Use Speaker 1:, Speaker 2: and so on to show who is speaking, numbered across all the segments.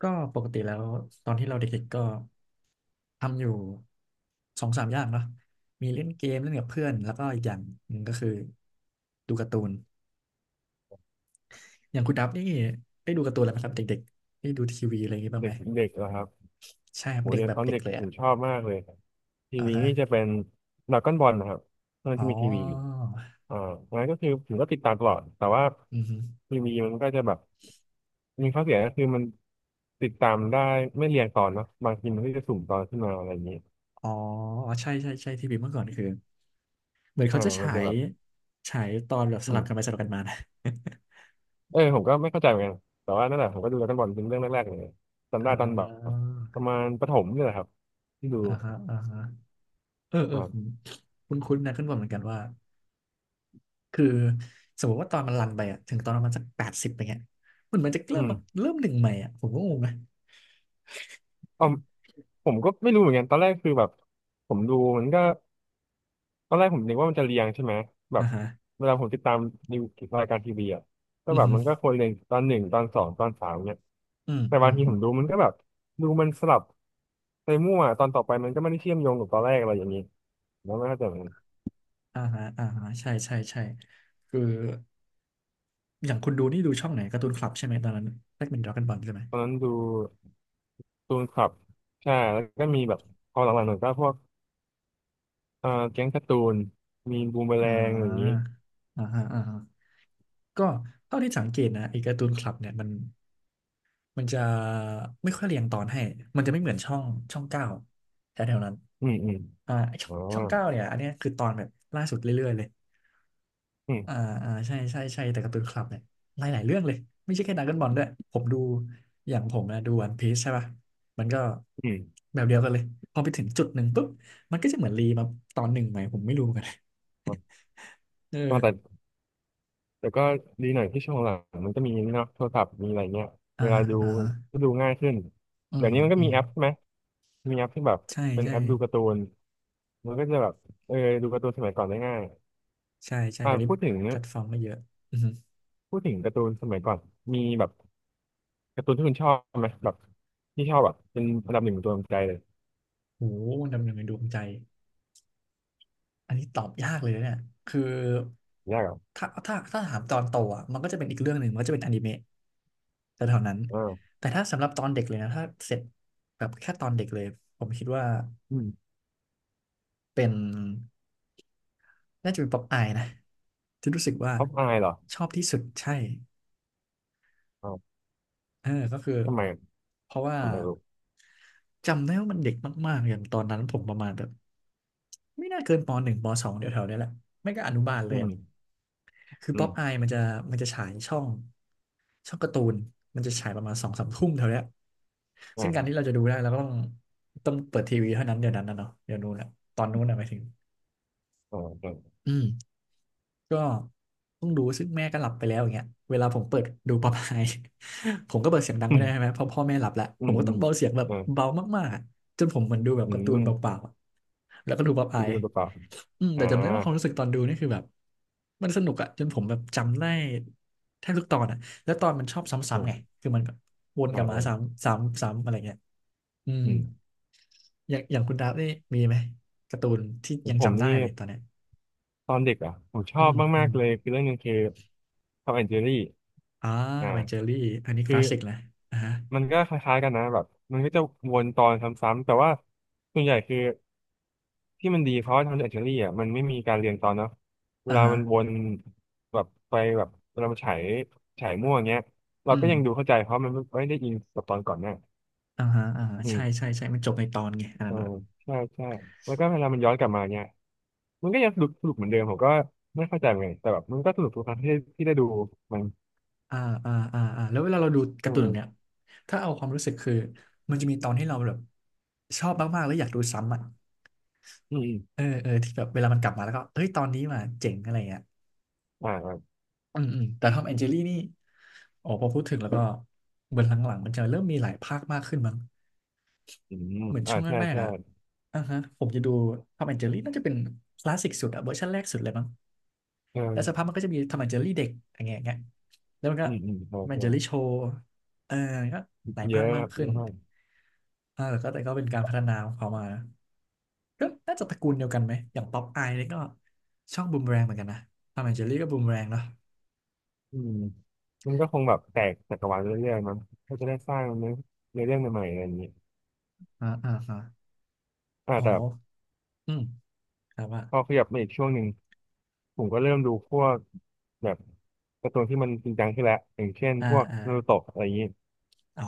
Speaker 1: ก็ปกติแล้วตอนที่เราเด็กๆก็ทำอยู่สองสามอย่างเนาะมีเล่นเกมเล่นกับเพื่อนแล้วก็อีกอย่างหนึ่งก็คือดูการ์ตูนอย่างคุณดับนี่ได้ดูการ์ตูนอะไรไหมครับเด็กๆได้ดูทีวีอะไรอย่างงี้บ้าง
Speaker 2: เด็
Speaker 1: ไหม
Speaker 2: กเด็กเหรอครับ
Speaker 1: ใช่ครั
Speaker 2: โห
Speaker 1: บเด็ก
Speaker 2: ยั
Speaker 1: แบ
Speaker 2: ง
Speaker 1: บ
Speaker 2: ตอน
Speaker 1: เด็ก
Speaker 2: เด็ก
Speaker 1: เลย
Speaker 2: ผ
Speaker 1: อะ
Speaker 2: มชอบมากเลยที
Speaker 1: อ่า
Speaker 2: วี
Speaker 1: ฮะ
Speaker 2: นี่จะเป็นดราก้อนบอลนะครับเนื่อน
Speaker 1: อ๋อ
Speaker 2: ที่มีทีวีอ่างั้นก็คือผมก็ติดตามตลอดแต่ว่า
Speaker 1: อือฮึ
Speaker 2: ทีวีมันก็จะแบบมีข้อเสียก็คือมันติดตามได้ไม่เรียงตอนเนาะบางทีมันก็จะสุ่มตอนขึ้นมาอะไรอย่างนี้
Speaker 1: อ๋อใช่ใช่ใช่ทีวีเมื่อก่อนคือเหมือนเขาจะ
Speaker 2: มั
Speaker 1: ฉา
Speaker 2: นจะ
Speaker 1: ย
Speaker 2: แบบ
Speaker 1: ฉายตอนแบบส
Speaker 2: อื
Speaker 1: ลับกันไป
Speaker 2: ม
Speaker 1: สลับกันมานะ
Speaker 2: เออผมก็ไม่เข้าใจเหมือนกันแต่ว่านั่นแหละผมก็ดูดราก้อนบอลเป็นเรื่องแรกๆเลย จำ
Speaker 1: อ่
Speaker 2: ได้ตอนแบบ
Speaker 1: า
Speaker 2: ประมาณประถมเนี่ยแหละครับที่ดู
Speaker 1: อ่าฮะอ่าฮะเออเออ
Speaker 2: อ่า
Speaker 1: ผมคุ้นๆนะขึ้นบนเหมือนกันว่า คือสมมติว่าตอนมันรันไปอะถึงตอนประมาณสัก80ไปเงี้ยเหมือนมันจะ
Speaker 2: อื
Speaker 1: เริ่ม
Speaker 2: ม
Speaker 1: มาเริ่มหนึ่งใหม่อะผมก็งงนะ
Speaker 2: อ๋อ ผมก็ไม่รู้เหมือนกันตอนแรกคือแบบผมดูมันก็ตอนแรกผมนึกว่ามันจะเรียงใช่ไหมแบบ
Speaker 1: อ่าฮะ
Speaker 2: เวลาผมติดตามนิวรายการทีวีอ่ะก็
Speaker 1: อือ
Speaker 2: แบบ
Speaker 1: ฮึ
Speaker 2: มันก็คนเรียงตอนหนึ่งตอนสองตอนสามเนี่ย
Speaker 1: อืม
Speaker 2: แต่
Speaker 1: อื
Speaker 2: บาง
Speaker 1: ม
Speaker 2: ทีผมดูมันก็แบบดูมันสลับไปมั่วตอนต่อไปมันก็ไม่ได้เชื่อมโยงกับตอนแรกอะไรอย่างนี้แล้วไม่เข้าใจเหมือนกัน
Speaker 1: อ่าฮะอ่าฮะใช่ใช่ใช่คืออย่างคุณดูนี่ดูช่องไหนการ์ตูนคลับใช่ไหมตอนนั้นแรกเป็นดราก้อนบอลใช่ไหม
Speaker 2: ตอนนั้นดูตูนคลับใช่แล้วก็มีแบบพอหลังๆหน่อยก็พวกแก๊งการ์ตูนมีบูมเมอแร
Speaker 1: อ่า
Speaker 2: งอะไรอย่างนี้
Speaker 1: อ่าฮะอ่าฮะก็เท่าที่สังเกตนะไอ้การ์ตูนคลับเนี่ยมันจะไม่ค่อยเรียงตอนให้มันจะไม่เหมือนช่องช่องเก้าแถวๆนั้น
Speaker 2: อืมอืม
Speaker 1: อ่าไอ้ช่อ
Speaker 2: อ๋
Speaker 1: ง
Speaker 2: อ
Speaker 1: ช่องเก้าเนี่ยอันเนี้ยคือตอนแบบล่าสุดเรื่อยๆเลย
Speaker 2: อื
Speaker 1: อ่า
Speaker 2: ม
Speaker 1: อ่าใช่ใช่ใช่แต่การ์ตูนคลับเนี่ยหลายหลายเรื่องเลยไม่ใช่แค่ดราก้อนบอลด้วยผมดูอย่างผมนะดูวันพีซใช่ป่ะมันก็
Speaker 2: อืม
Speaker 1: แบบเดียวกันเลยพอไปถึงจุดหนึ่งปุ๊บมันก็จะเหมือนรีมาตอนหนึ่งไหมผมไม่รู้เหมือนกัน
Speaker 2: อ๋
Speaker 1: เอ
Speaker 2: อแต่
Speaker 1: อ
Speaker 2: แต่ก็ดีหน่อยที่ช่วงหลังมันก็มีนี่เนาะโทรศัพท์มีอะไรเงี้ย
Speaker 1: อ่า
Speaker 2: เวลา
Speaker 1: ฮะ
Speaker 2: ดู
Speaker 1: อ่าฮะ
Speaker 2: ก็ดูง่ายขึ้น
Speaker 1: อื
Speaker 2: เดี๋ย
Speaker 1: ม
Speaker 2: วนี้มันก็
Speaker 1: อื
Speaker 2: มี
Speaker 1: ม
Speaker 2: แอปใช่ไหมมีแอปที่แบบ
Speaker 1: ใช่
Speaker 2: เป็น
Speaker 1: ใช่
Speaker 2: แอปดูการ์ตูนมันก็จะแบบเออดูการ์ตูนสมัยก่อนได้ง่าย
Speaker 1: ใช่ใช่
Speaker 2: อ่า
Speaker 1: เดี๋ยวนี้
Speaker 2: พูดถึง
Speaker 1: แพลตฟอร์มก็เยอะอือหือ
Speaker 2: พูดถึงการ์ตูนสมัยก่อนมีแบบการ์ตูนที่คุณชอบไหมแบบที่ชอบแบบเป็นอันดับหนึ่งของตัวใจเลย
Speaker 1: โหดำเนินในดวงใจอันนี้ตอบยากเลยนะเนี่ยคือ
Speaker 2: ยากเหรอ
Speaker 1: ถ้าถามตอนโตอ่ะมันก็จะเป็นอีกเรื่องหนึ่งมันก็จะเป็นอนิเมะ แต่เท่านั้น
Speaker 2: อ่า
Speaker 1: แต่ถ้าสำหรับตอนเด็กเลยนะ ถ้าเสร็จแบบแค่ตอนเด็กเลย ผมคิดว่า
Speaker 2: อืม
Speaker 1: เป็นน่าจะเป็นป๊อปอายนะ ที่รู้สึกว่า
Speaker 2: ท็อปอายเหรอ
Speaker 1: ชอบที่สุดใช่
Speaker 2: อ่าว
Speaker 1: เออก็คือ
Speaker 2: ทำไม
Speaker 1: เพราะว่า
Speaker 2: ผมอยากรู้
Speaker 1: จำได้ว่ามันเด็กมาก ๆ อย่างตอนนั้นผมประมาณแบบไม่น่าเกินป.1 ป.2เดี๋ยวแถวๆเนี้ยแหละ ไม่ก็อนุบาลเล
Speaker 2: อื
Speaker 1: ยอะ
Speaker 2: ม
Speaker 1: คือ
Speaker 2: อื
Speaker 1: ป๊อ
Speaker 2: ม
Speaker 1: ปอายมันจะมันจะฉายช่องช่องการ์ตูนมันจะฉายประมาณสองสามทุ่มเท่าเนี้ยซึ่งการที่
Speaker 2: อ่า
Speaker 1: เราจะดูได้เราก็ต้องเปิดทีวีเท่านั้นเดี๋ยวนั้นนะเนาะเดี๋ยวนู้นอะตอนนู้นอะหมายถึง
Speaker 2: อ่าอ่า
Speaker 1: อืมก็ต้องดูซึ่งแม่ก็หลับไปแล้วอย่างเงี้ยเวลาผมเปิดดูป๊อปอาย ผมก็เปิดเสียงดัง
Speaker 2: อื
Speaker 1: ไม่ได้ใช่ไหม
Speaker 2: ม
Speaker 1: เพราะพ่อแม่หลับแล้ว
Speaker 2: อื
Speaker 1: ผ
Speaker 2: ม
Speaker 1: มก็
Speaker 2: อื
Speaker 1: ต้อ
Speaker 2: ม
Speaker 1: งเบาเสียงแบบ
Speaker 2: อ่า
Speaker 1: เบามากๆอะจนผมเหมือนดูแบบ
Speaker 2: อื
Speaker 1: การ์ตูน
Speaker 2: ม
Speaker 1: เบาๆอะแล้วก็ดูป๊อป
Speaker 2: คื
Speaker 1: อา
Speaker 2: อ
Speaker 1: ย
Speaker 2: คุณประกอบ
Speaker 1: อืมแต่
Speaker 2: อ่า
Speaker 1: จำได้ว่าความรู้สึกตอนดูนี่คือแบบมันสนุกอะจนผมแบบจำได้แทบทุกตอนอะแล้วตอนมันชอบ
Speaker 2: อื
Speaker 1: ซ้ำๆไง
Speaker 2: ม
Speaker 1: คือมันแบบวน
Speaker 2: เอ
Speaker 1: ก
Speaker 2: อ
Speaker 1: ลับ
Speaker 2: เอ
Speaker 1: มา
Speaker 2: อ
Speaker 1: ซ้ำซ้ำซ้ำอะไรเงี้ยอืม
Speaker 2: อืม
Speaker 1: อย่างอย่างคุณดาบนี่มีไหมการ์ตูนที่
Speaker 2: ของ
Speaker 1: ยัง
Speaker 2: ผม
Speaker 1: จำได้
Speaker 2: นี่
Speaker 1: เลยตอนเนี้ย
Speaker 2: ตอนเด็กอ่ะผมช
Speaker 1: อื
Speaker 2: อบ
Speaker 1: มอื
Speaker 2: มาก
Speaker 1: ม
Speaker 2: ๆเลยคือเรื่องหนึงคือทอมแอนด์เจอรี่
Speaker 1: อ่า
Speaker 2: อ่า
Speaker 1: ทำไมเจอรี่อันนี้ค
Speaker 2: คือ
Speaker 1: ลาสสิกนะอ่าฮะ
Speaker 2: มันก็คล้ายๆกันนะแบบมันก็จะวนตอนซ้ำๆแต่ว่าส่วนใหญ่คือที่มันดีเพราะว่าทอมแอนด์เจอรี่อ่ะมันไม่มีการเรียงตอนเนาะเว
Speaker 1: อ่า
Speaker 2: ลา
Speaker 1: ฮะ
Speaker 2: มันวนแบบไปแบบเวลามันฉายฉายมั่วอย่างเงี้ยเรา
Speaker 1: อื
Speaker 2: ก็
Speaker 1: ม
Speaker 2: ยังดูเข้าใจเพราะมันไม่ได้อินกับตอนก่อนเนี่ย
Speaker 1: อ่าฮะอ่าฮะใช่ใช่ใช่มันจบในตอนไงอัน
Speaker 2: เอ
Speaker 1: นั้
Speaker 2: อ
Speaker 1: นอะ
Speaker 2: ใช่ใช่แล้วก็เวลามันย้อนกลับมาเนี่ยมันก็ยังสนุกสนุกเหมือนเดิมผมก็ไม่เข้าใจเหมือนกันแต่แบบมันก็สนุกทุกครั้งที่ได้ดูมัน
Speaker 1: อ่าอ่าอ่าอ่าแล้วเวลาเราดู
Speaker 2: เอ
Speaker 1: การ์ตูนแบบ
Speaker 2: อ
Speaker 1: เนี้ยถ้าเอาความรู้สึกคือมันจะมีตอนที่เราแบบชอบมากๆแล้วอยากดูซ้ำอ่ะ
Speaker 2: อืมอม
Speaker 1: เออเออที่แบบเวลามันกลับมาแล้วก็เอ้ยตอนนี้มาเจ๋งอะไรเงี้ย
Speaker 2: อ่าอ่า
Speaker 1: อืมอืมแต่ทอมแอนเจลี่นี่โอ้พอพูดถึงแล้วก็เหมือนหลังๆมันจะเริ่มมีหลายภาคมากขึ้นมั้ง
Speaker 2: อืม
Speaker 1: เหมือน
Speaker 2: อ่า
Speaker 1: ช่วงแร
Speaker 2: ใช่
Speaker 1: กๆ
Speaker 2: ใช่
Speaker 1: อ่ะอ่าฮะผมจะดูทอมแอนเจลี่น่าจะเป็นคลาสสิกสุดอะเวอร์ชันแรกสุดเลยมั้งแล้วสัก
Speaker 2: เออ
Speaker 1: พักมันก็จะมีทอมแอนเจลี่เด็กอย่างเงี้ยอย่างเงี้ยแล้วมันก็
Speaker 2: อื
Speaker 1: ท
Speaker 2: มอืมใช่
Speaker 1: อมแอน
Speaker 2: ใช่
Speaker 1: เจลี่โชว์เออก็หลาย
Speaker 2: เย
Speaker 1: ภาค
Speaker 2: อะค
Speaker 1: มาก
Speaker 2: รับเย
Speaker 1: ขึ้น
Speaker 2: อะมาก
Speaker 1: อ่าแล้วก็แต่ก็เป็นการพัฒนาของเขามา ก็น่าจะตระกูลเดียวกันไหมอย่างป๊อปอายนี่ก็ช่องบูมแรงเหมือนกันนะทอมแอนเจอรี่ก็บูมแรงเนาะ
Speaker 2: อืมมันก็คงแบบแตกจักรวาลเรื่อยๆมั้งก็จะได้สร้างเนื้อเนื้อเรื่องใหม่ๆอะไรอย่างนี้
Speaker 1: อ่าอ่าอ่า
Speaker 2: อ่า
Speaker 1: โอ้
Speaker 2: แต่
Speaker 1: โหอืมครับว่า
Speaker 2: พอขยับมาอีกช่วงหนึ่งผมก็เริ่มดูพวกแบบการ์ตูนที่มันจริงจังขึ้นแล้วอย่างเช่น
Speaker 1: อ่า
Speaker 2: พวก
Speaker 1: อ่า
Speaker 2: นารูโตะอะไรอย่างนี้
Speaker 1: อ๋อ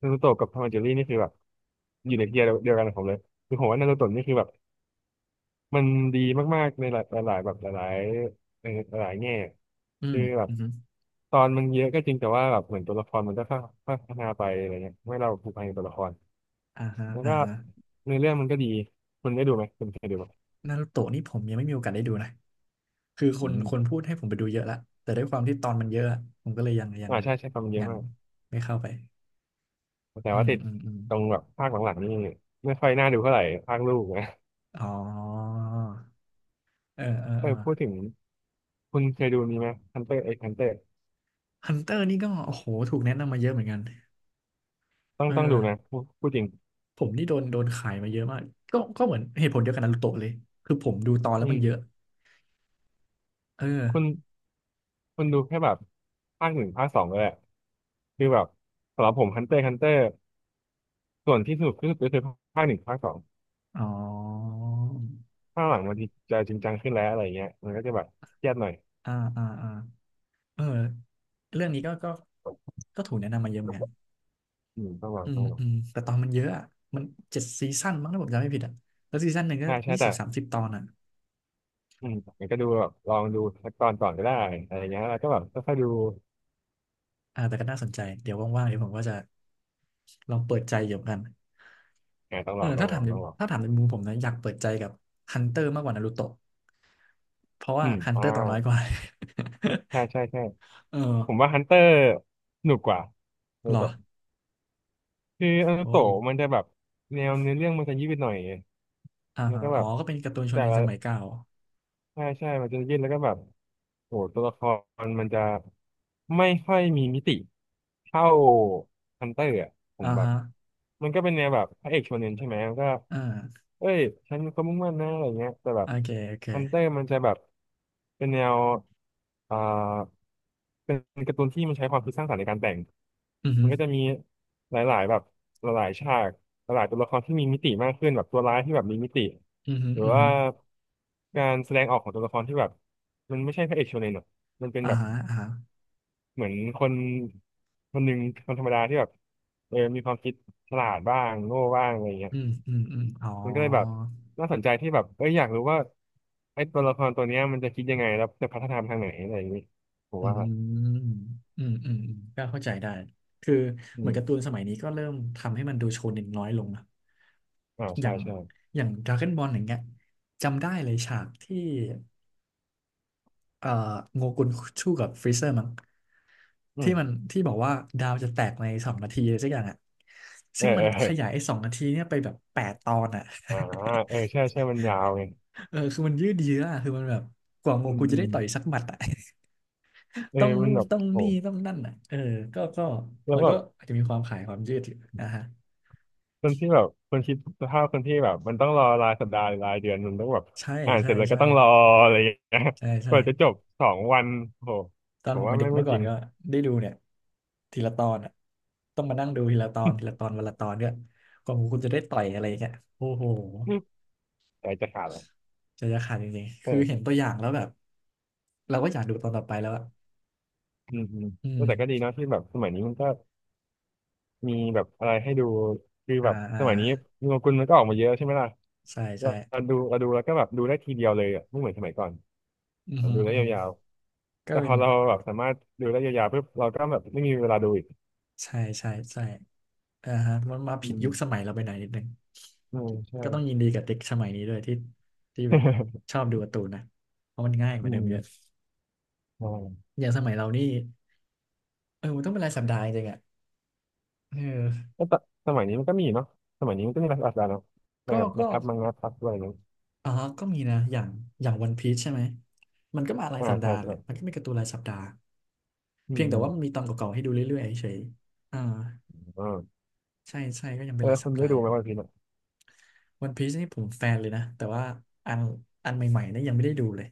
Speaker 2: นารูโตะกับทอมแอนด์เจอรี่นี่คือแบบอยู่ในเทียร์เดียวกันของผมเลยคือผมว่านารูโตะนี่คือแบบมันดีมากๆในหลายหลายแบบหลายๆหลายแง่
Speaker 1: อื
Speaker 2: คื
Speaker 1: ม
Speaker 2: อแบบ
Speaker 1: อืมอม
Speaker 2: ตอนมันเยอะก็จริงแต่ว่าแบบเหมือนตัวละครมันก็ค่อยๆพัฒนาไปอะไรเงี้ยไม่ให้เราผูกพันกับตัวละคร
Speaker 1: อ่าฮะ
Speaker 2: แล้ว
Speaker 1: อ่า
Speaker 2: ก็
Speaker 1: ฮะ
Speaker 2: ในอเรื่องมันก็ดีคุณได้ดูไหมคุณเคยดูไหม
Speaker 1: นารูโตะนี่ผมยังไม่มีโอกาสได้ดูนะคือค
Speaker 2: อื
Speaker 1: น
Speaker 2: ม
Speaker 1: คนพูดให้ผมไปดูเยอะละแต่ด้วยความที่ตอนมันเยอะอะผมก็เลยยังยัง
Speaker 2: อ่าใช่ใช่ความเยอะ
Speaker 1: ยัง
Speaker 2: มาก
Speaker 1: ไม่เข้าไป
Speaker 2: แต่
Speaker 1: อื
Speaker 2: ว่า
Speaker 1: ม
Speaker 2: ติด
Speaker 1: อืมอืม
Speaker 2: ตรงแบบภาคหลังๆนี่ไม่ค่อยน่าดูเท่าไหร่ภาคลูกนะ
Speaker 1: อ๋อเออเออ
Speaker 2: แต่
Speaker 1: เออ
Speaker 2: พูดถึงคุณเคยดูนี้ไหมฮันเตอร์เอ็กฮันเตอร์
Speaker 1: ฮันเตอร์นี่ก็โอ้โหถูกแนะนำมาเยอะเหมือนกัน
Speaker 2: ต้อง
Speaker 1: เอ
Speaker 2: ต้องดูนะ
Speaker 1: อ
Speaker 2: พูดจริง
Speaker 1: ผมนี่โดนขายมาเยอะมาก ก็เหมือนเหตุผลเดียวกันนารูโตะเลย คือผมดูตอนแล้
Speaker 2: อื
Speaker 1: วมันเยอะ
Speaker 2: ม
Speaker 1: เอ
Speaker 2: คุณ
Speaker 1: อ
Speaker 2: คุณดูแค่แบบภาคหนึ่งภาคสองก็แหละคือแบบสำหรับผมฮันเตอร์ฮันเตอร์ส่วนที่สนุกที่สุดก็คือภาคหนึ่งภาคสอง
Speaker 1: อ๋อ
Speaker 2: ภาคหลังมันจะจริงจังขึ้นแล้วอะไรเงี้ยมันก็จะแบบเครียดหน่อย
Speaker 1: อ่าอ่าอ่าเออเรื่องนี้ก็ถูกแนะนำมาเยอะเหมือนกัน
Speaker 2: อืมต้องลองต้องลอง
Speaker 1: แต่ตอนมันเยอะอะมัน7 ซีซั่นมั้งถ้าผมจำไม่ผิดอ่ะแล้วซีซั่นหนึ่งก็
Speaker 2: ใช่ใช่
Speaker 1: ยี่สิ
Speaker 2: แต่
Speaker 1: บสามสิบตอนอ่ะ
Speaker 2: อืมมันก็ดูแบบลองดูสักตอนก่อนก็ได้อะไรเงี้ยแล้วก็แบบค่อยๆดู
Speaker 1: อ่าแต่ก็น่าสนใจเดี๋ยวว่างๆเดี๋ยวผมก็จะลองเปิดใจเกี่ยวกัน
Speaker 2: อ่าต้อง
Speaker 1: เอ
Speaker 2: ล
Speaker 1: อ
Speaker 2: องต้อ
Speaker 1: ถ้า
Speaker 2: งล
Speaker 1: ถา
Speaker 2: อ
Speaker 1: ม
Speaker 2: ง
Speaker 1: ใน
Speaker 2: ต้องลอง
Speaker 1: ถ้าถามในมุมผมนะอยากเปิดใจกับฮันเตอร์มากกว่านารูโตะเพราะ
Speaker 2: อื
Speaker 1: ว่า
Speaker 2: ม
Speaker 1: ฮันเต
Speaker 2: อ่า
Speaker 1: อร์ตัวน้อยกว่า
Speaker 2: ใช่ใช่ใช่
Speaker 1: เออ
Speaker 2: ผมว่าฮันเตอร์สนุกกว่าโด
Speaker 1: เหร
Speaker 2: โต
Speaker 1: อ
Speaker 2: คืออนา
Speaker 1: โอ้
Speaker 2: โตะมันจะแบบแนวเนื้อเรื่องมันจะยืดหน่อย
Speaker 1: อ่า
Speaker 2: แล้ว
Speaker 1: ฮะ
Speaker 2: ก็
Speaker 1: อ๋
Speaker 2: แบ
Speaker 1: อ
Speaker 2: บ
Speaker 1: ก็เป็นการ์ตูนโช
Speaker 2: แต่
Speaker 1: เนน
Speaker 2: ละ
Speaker 1: สมัยเก่า
Speaker 2: ใช่ใช่ มันจะยืดแล้วก็แบบโอ้ตัวละครมันจะไม่ค่อยมีมิติเท่าฮันเตอร์อะผ
Speaker 1: อ่า
Speaker 2: มแบบ
Speaker 1: ฮะ
Speaker 2: มันก็เป็นแนวแบบพระเอกโชเนนใช่ไหมมันก็
Speaker 1: อ่า
Speaker 2: เอ้ยฉันก็มุ่งมั่นนะอะไรเงี้ยแต่แบ
Speaker 1: โอ
Speaker 2: บ
Speaker 1: เคโอเค
Speaker 2: ฮันเตอร์มันจะแบบเป็นแนวอ่าเป็นการ์ตูนที่มันใช้ความคิดสร้างสรรค์ในการแต่ง
Speaker 1: อือ
Speaker 2: มั
Speaker 1: ฮึ
Speaker 2: นก็จะมีหลายๆแบบหลายๆฉากหลายๆตัวละครที่มีมิติมากขึ้นแบบตัวร้ายที่แบบมีมิติ
Speaker 1: อือฮึ
Speaker 2: หรือ
Speaker 1: อือ
Speaker 2: ว่า
Speaker 1: ฮึ
Speaker 2: การแสดงออกของตัวละครที่แบบมันไม่ใช่พระเอกโชเนนหรอกมันเป็น
Speaker 1: อ่า
Speaker 2: แบบ
Speaker 1: ฮะอ่าฮะ
Speaker 2: เหมือนคนคนหนึ่งคนธรรมดาที่แบบเออมีความคิดฉลาดบ้างโง่บ้างอะไรเงี้ย
Speaker 1: อืมอืมอืมอ๋อ
Speaker 2: มันก็เลยแบบน่าสนใจที่แบบเอ้ยอยากรู้ว่าไอ้ตัวละครตัวเนี้ยมันจะคิดยังไงแล้วจะพัฒนาไปทางไหนอะไรอย่างนี้ผม
Speaker 1: อื
Speaker 2: ว่า
Speaker 1: มอืม อืม อืม ก็เข้าใจได้ คือ
Speaker 2: อื
Speaker 1: เหมือน
Speaker 2: ม
Speaker 1: การ์ตูนสมัยนี้ก็เริ่มทำให้มันดูโชเน็นน้อยลงนะ
Speaker 2: อ่า
Speaker 1: อ
Speaker 2: ใช่
Speaker 1: ย่าง
Speaker 2: ใช่
Speaker 1: ดราก้อนบอลอย่างเงี้ยจำได้เลยฉากที่เอ่อโงกุนชู่กับฟรีเซอร์มั้ง
Speaker 2: อื
Speaker 1: ที่
Speaker 2: ม
Speaker 1: มันที่บอกว่าดาวจะแตกในสองนาทีอะไรสักอย่างอ่ะ
Speaker 2: เอ
Speaker 1: ซึ่
Speaker 2: อ
Speaker 1: งมั
Speaker 2: เอ
Speaker 1: น
Speaker 2: อเอ
Speaker 1: ข
Speaker 2: อ
Speaker 1: ยายไอ้สองนาทีเนี่ยไปแบบ8 ตอนอ่ะ
Speaker 2: อ่าเออใช่ใช่มันยาวไง
Speaker 1: เออคือมันยืดเยื้ออะคือมันแบบกว่าโง
Speaker 2: อืม
Speaker 1: กุน
Speaker 2: อื
Speaker 1: จะได้
Speaker 2: ม
Speaker 1: ต่อยสักหมัดอ่ะ
Speaker 2: เออ
Speaker 1: ต้อง
Speaker 2: มั
Speaker 1: นู่
Speaker 2: น
Speaker 1: น
Speaker 2: แบบ
Speaker 1: ต้อง
Speaker 2: โห
Speaker 1: นี่ต้องนั่นอ่ะเออก็
Speaker 2: แล้ว
Speaker 1: มัน
Speaker 2: แบ
Speaker 1: ก็
Speaker 2: บ
Speaker 1: อาจจะมีความขายความยืดอยู่นะฮะ
Speaker 2: คนที่แบบคนคิดสภาพคนที่แบบมันต้องรอรายสัปดาห์หรือรายเดือนมันต้องแบบ
Speaker 1: ใช่
Speaker 2: อ่านเส
Speaker 1: ใช่
Speaker 2: ร็จแล้วก็
Speaker 1: ใช่
Speaker 2: ต้องรออะไรอย่างเงี้ย
Speaker 1: ใช่
Speaker 2: ก
Speaker 1: ใช่
Speaker 2: ว่าจะจบสองวันโห
Speaker 1: ตอน
Speaker 2: ผ
Speaker 1: ผ
Speaker 2: ม
Speaker 1: ม
Speaker 2: ว่า
Speaker 1: เป็นเด็
Speaker 2: ไม่
Speaker 1: ก
Speaker 2: ง
Speaker 1: เมื่
Speaker 2: ไม่
Speaker 1: อก่อ
Speaker 2: จ
Speaker 1: น
Speaker 2: ริง
Speaker 1: ก็ได้ดูเนี่ยทีละตอนอ่ะต้องมานั่งดูทีละตอนทีละตอนวันละตอนเนี่ยกว่าคุณจะได้ต่อยอะไรเงี้ยโอ้โห
Speaker 2: ใจจะขาดแล้ว
Speaker 1: ใจจะขาดจริงๆ
Speaker 2: เอ
Speaker 1: คือเห็น
Speaker 2: อ
Speaker 1: ตัวอย่างแล้วแบบเราก็อยากดูตอนต่อไปแล้วอะ
Speaker 2: อืมอืม
Speaker 1: อื
Speaker 2: แต่ก็ดี
Speaker 1: ม
Speaker 2: เนาะที่แบบสมัยนี้มันก็มีแบบอะไรให้ดูคือ
Speaker 1: อ่า
Speaker 2: แบบ
Speaker 1: อ่า
Speaker 2: สมัยนี้มีโงกุลมันก็ออกมาเยอะใช่ไหมล่ะ
Speaker 1: ใช่
Speaker 2: เรา
Speaker 1: ใช่
Speaker 2: เราดูเราดูแล้วก็แบบดูได้ทีเดียวเลยอ่ะไม่เหมือนสมัยก่อน
Speaker 1: อือ
Speaker 2: เรา
Speaker 1: ฮึ
Speaker 2: ดูได้
Speaker 1: อือฮึ
Speaker 2: ยาวๆ
Speaker 1: ก็
Speaker 2: แต่พ
Speaker 1: เป็
Speaker 2: อ
Speaker 1: น
Speaker 2: เราแบบสามารถดูได้ยาวๆปุ๊บเราก็แบบไม่มีเวลาดูอีก
Speaker 1: ใช่ใช่ใช่ อ่าฮะมันมา
Speaker 2: อื
Speaker 1: ผิด
Speaker 2: ม
Speaker 1: ยุคสมัยเราไปหน่อยนิดนึง
Speaker 2: อืมใช่
Speaker 1: ก็ต้องยินดีกับเด็กสมัยนี้ด้วยที่ที่แบบชอบดูการ์ตูนนะเพราะมันง่ายก
Speaker 2: อื
Speaker 1: ว่าเดิม
Speaker 2: ม
Speaker 1: เยอะ
Speaker 2: ใช่
Speaker 1: อย่างสมัยเรานี่เออมันต้องเป็นรายสัปดาห์จริงๆอ่ะเออ
Speaker 2: ก็ตสมัยนี้มันก็มีเนาะสมัยนี้มันก็มีภาษานอางกฤเนาะใน
Speaker 1: ก็
Speaker 2: แบบใน
Speaker 1: ก็
Speaker 2: แอปมังงะพับอะไรอย่างเงี้ย
Speaker 1: อ๋อก็มีนะอย่างวันพีชใช่ไหมมันก็มาราย
Speaker 2: อ่า
Speaker 1: สัปดา
Speaker 2: ใช่
Speaker 1: ห์แห
Speaker 2: ใช่
Speaker 1: ละมันก็มีการ์ตูนรายสัปดาห์
Speaker 2: อื
Speaker 1: เพี
Speaker 2: ม
Speaker 1: ยง
Speaker 2: อื
Speaker 1: แต่
Speaker 2: ม
Speaker 1: ว่ามันมีตอนเก่าๆให้ดูเรื่อยๆเฉยๆอ่า
Speaker 2: อ่า
Speaker 1: ใช่ใช่ก็ยังเป็นรา
Speaker 2: แล้
Speaker 1: ย
Speaker 2: ว
Speaker 1: สั
Speaker 2: คุ
Speaker 1: ป
Speaker 2: ณได้
Speaker 1: ดาห์
Speaker 2: ดู
Speaker 1: อ
Speaker 2: ไหม
Speaker 1: ยู่
Speaker 2: วันพีซอ่ะ
Speaker 1: วันพีชนี่ผมแฟนเลยนะแต่ว่าอันอันใหม่ๆนี่ยังไม่ได้ดูเลย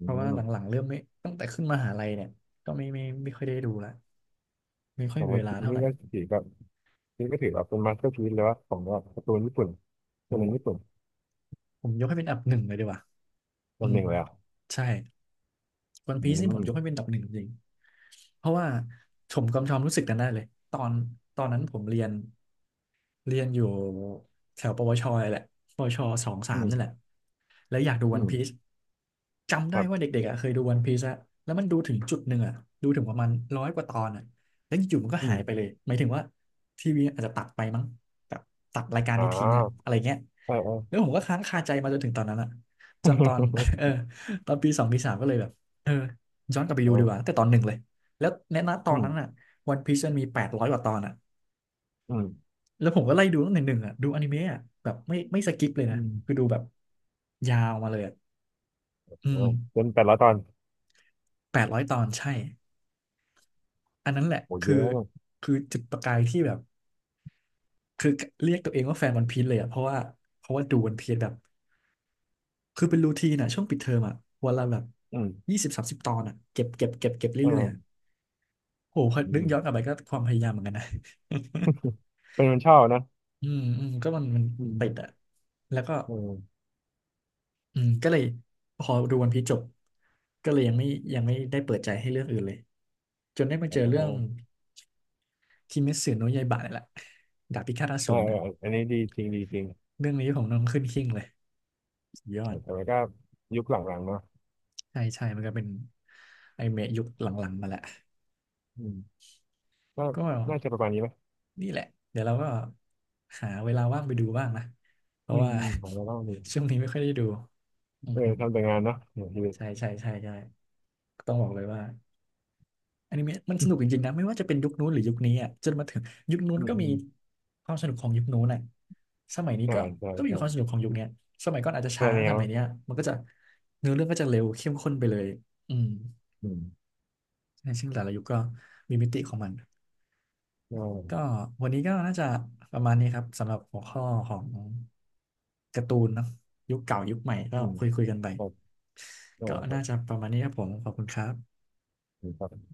Speaker 2: อื
Speaker 1: เพราะว่าห
Speaker 2: ม
Speaker 1: ลังๆเริ่มไม่ตั้งแต่ขึ้นมหาลัยเนี่ยก็ไม่ค่อยได้ดูละไม่ค่
Speaker 2: ข
Speaker 1: อย
Speaker 2: อง
Speaker 1: มี
Speaker 2: วัน
Speaker 1: เว
Speaker 2: พี
Speaker 1: ลา
Speaker 2: ซ
Speaker 1: เท่าไห
Speaker 2: นี่
Speaker 1: ร่
Speaker 2: ก็ถือแบบนี่ก็ถือแบบเป็นมาสเตอร์พีซเลยว่าของแบบการ์ตูนญี่ปุ่น
Speaker 1: โอ
Speaker 2: ตัวหนึ่งญี่ปุ่
Speaker 1: ้
Speaker 2: น
Speaker 1: ผมยกให้เป็นอันดับหนึ่งเลยดีกว่า
Speaker 2: ตั
Speaker 1: อื
Speaker 2: วห
Speaker 1: ม
Speaker 2: นึ่งเลยอ่ะ
Speaker 1: ใช่วัน
Speaker 2: อื
Speaker 1: พีซนี่ผมยกให้
Speaker 2: ม
Speaker 1: เป็นอันดับหนึ่งจริงๆเพราะว่าผมกำชอมรู้สึกกันได้เลยตอนตอนนั้นผมเรียน เรียนอยู่แถวปวชเลยแหละปวชสองสา
Speaker 2: อื
Speaker 1: ม
Speaker 2: ม
Speaker 1: นั่นแหละแล้วอยากดู
Speaker 2: อื
Speaker 1: วัน
Speaker 2: ม
Speaker 1: พีซจำ
Speaker 2: ค
Speaker 1: ได้
Speaker 2: รั
Speaker 1: ว่า
Speaker 2: บ
Speaker 1: เด็กๆอะเคยดูวันพีซอะแล้วมันดูถึงจุดหนึ่งอะดูถึงประมาณร้อยกว่าตอนอะแล้วอยู่ๆมันก็
Speaker 2: อื
Speaker 1: หายไปเล
Speaker 2: ม
Speaker 1: ยหมายถึงว่าทีวีอาจจะตัดไปมั้งแบบตัดรายการ
Speaker 2: อ่
Speaker 1: นี้ทิ้งอะ
Speaker 2: า
Speaker 1: อะไรเงี้ย
Speaker 2: ใช่เออ
Speaker 1: แล้ว ผมก็ค้างคาใจมาจนถึงตอนนั้นอะจนตอน เออตอนปีสองปีสามก็เลยแบบเออย้อนกลับไป
Speaker 2: เอ
Speaker 1: ดูดีก
Speaker 2: อ
Speaker 1: ว่าตั้งแต่ตอนหนึ่งเลยแล้วในณตอ
Speaker 2: อื
Speaker 1: น
Speaker 2: ม
Speaker 1: นั้นอะวันพีซมันมี800 กว่าตอนอะ
Speaker 2: อืม
Speaker 1: แล้วผมก็ไล่ดูตั้งแต่หนึ่งอ่ะดูอนิเมะอ่ะแบบไม่สกิปเลย
Speaker 2: อื
Speaker 1: นะ
Speaker 2: ม
Speaker 1: คือดูแบบยาวมาเลยอะอื
Speaker 2: เอ
Speaker 1: ม
Speaker 2: อเป็นแปดละตอน
Speaker 1: 800 ตอนใช่อันนั้นแหละ
Speaker 2: โหเย
Speaker 1: คือ
Speaker 2: อะมาก
Speaker 1: คือจุดประกายที่แบบคือเรียกตัวเองว่าแฟนวันพีซเลยอ่ะเพราะว่าดูวันพีซแบบคือเป็นรูทีนอ่ะช่วงปิดเทอมอ่ะวันละแบบ
Speaker 2: อืม
Speaker 1: ยี่สิบสามสิบตอนอ่ะเก็บเก็บเก็บเก็บ
Speaker 2: เอ
Speaker 1: เรื่อ
Speaker 2: อ
Speaker 1: ยๆอ่ะโหพอ
Speaker 2: อื
Speaker 1: นึก
Speaker 2: ม
Speaker 1: ย้อนกลับไปก็ความพยายามเหมือนกันนะ
Speaker 2: เป็นคนชอบนะ
Speaker 1: อืมอืมก็มันมัน
Speaker 2: อื
Speaker 1: มัน
Speaker 2: ม
Speaker 1: ติดอ่ะแล้วก็
Speaker 2: เออ
Speaker 1: อืมก็เลยพอดูวันพีซจบก็เลยยังไม่ได้เปิดใจให้เรื่องอื่นเลยจนได้มา
Speaker 2: อ๋
Speaker 1: เจ
Speaker 2: อ
Speaker 1: อเรื่องคิเมสึโนะยาอิบะนี่แหละดาบพิฆาตอสูรนะ
Speaker 2: ออันนี้ดีจริงดีจริง
Speaker 1: เรื่องนี้ของน้องขึ้นหิ้งเลยสุดยอด
Speaker 2: แต่ว่าก็ยุคหลังๆเนาะ
Speaker 1: ใช่ใช่มันก็เป็นไอนิเมะยุคหลังๆมาแหละ
Speaker 2: อืมก็
Speaker 1: ก็
Speaker 2: น่าจะประมาณนี้ไหม
Speaker 1: นี่แหละเดี๋ยวเราก็หาเวลาว่างไปดูบ้างนะเพ
Speaker 2: อื
Speaker 1: ราะ
Speaker 2: ม
Speaker 1: ว่า
Speaker 2: อืมของเราเล่าดี
Speaker 1: ช่วงนี้ไม่ค่อยได้ดูอื
Speaker 2: เออ
Speaker 1: ม
Speaker 2: ทำแต่งานเนาะเนี่ยชีวิ
Speaker 1: ๆ
Speaker 2: ต
Speaker 1: ใช่ใช่ใช่ใช่ต้องบอกเลยว่า อนิเมะมันส
Speaker 2: อ
Speaker 1: นุกจริงๆนะไม่ว่าจะเป็นยุคนู้นหรือยุคนี้อ่ะจนมาถึงยุคนู้น
Speaker 2: ืม
Speaker 1: ก็
Speaker 2: อื
Speaker 1: มี
Speaker 2: ม
Speaker 1: ความสนุกของยุคนู้นอ่ะสมัยนี้
Speaker 2: อ่า
Speaker 1: ก็
Speaker 2: ใช่
Speaker 1: ก็มี
Speaker 2: ใช่
Speaker 1: ความสนุกของยุคเนี้ยสมัยก่อนอาจจะ
Speaker 2: ตั่
Speaker 1: ช้า
Speaker 2: แน
Speaker 1: ส
Speaker 2: ว
Speaker 1: มัยเนี้ยมันก็จะเนื้อเรื่องก็จะเร็วเข้มข้นไปเลยอืม
Speaker 2: อืม
Speaker 1: ใช่ซึ่งแต่ละยุคก็มีมิติของมัน
Speaker 2: อ่่
Speaker 1: ก็วันนี้ก็น่าจะประมาณนี้ครับสำหรับหัวข้อของการ์ตูนเนาะยุคเก่ายุคใหม่ก็
Speaker 2: อืม
Speaker 1: คุยคุยกันไป
Speaker 2: ครับเออ
Speaker 1: ก็น่าจะประมาณนี้ครับผมขอบคุณครับ
Speaker 2: ครับ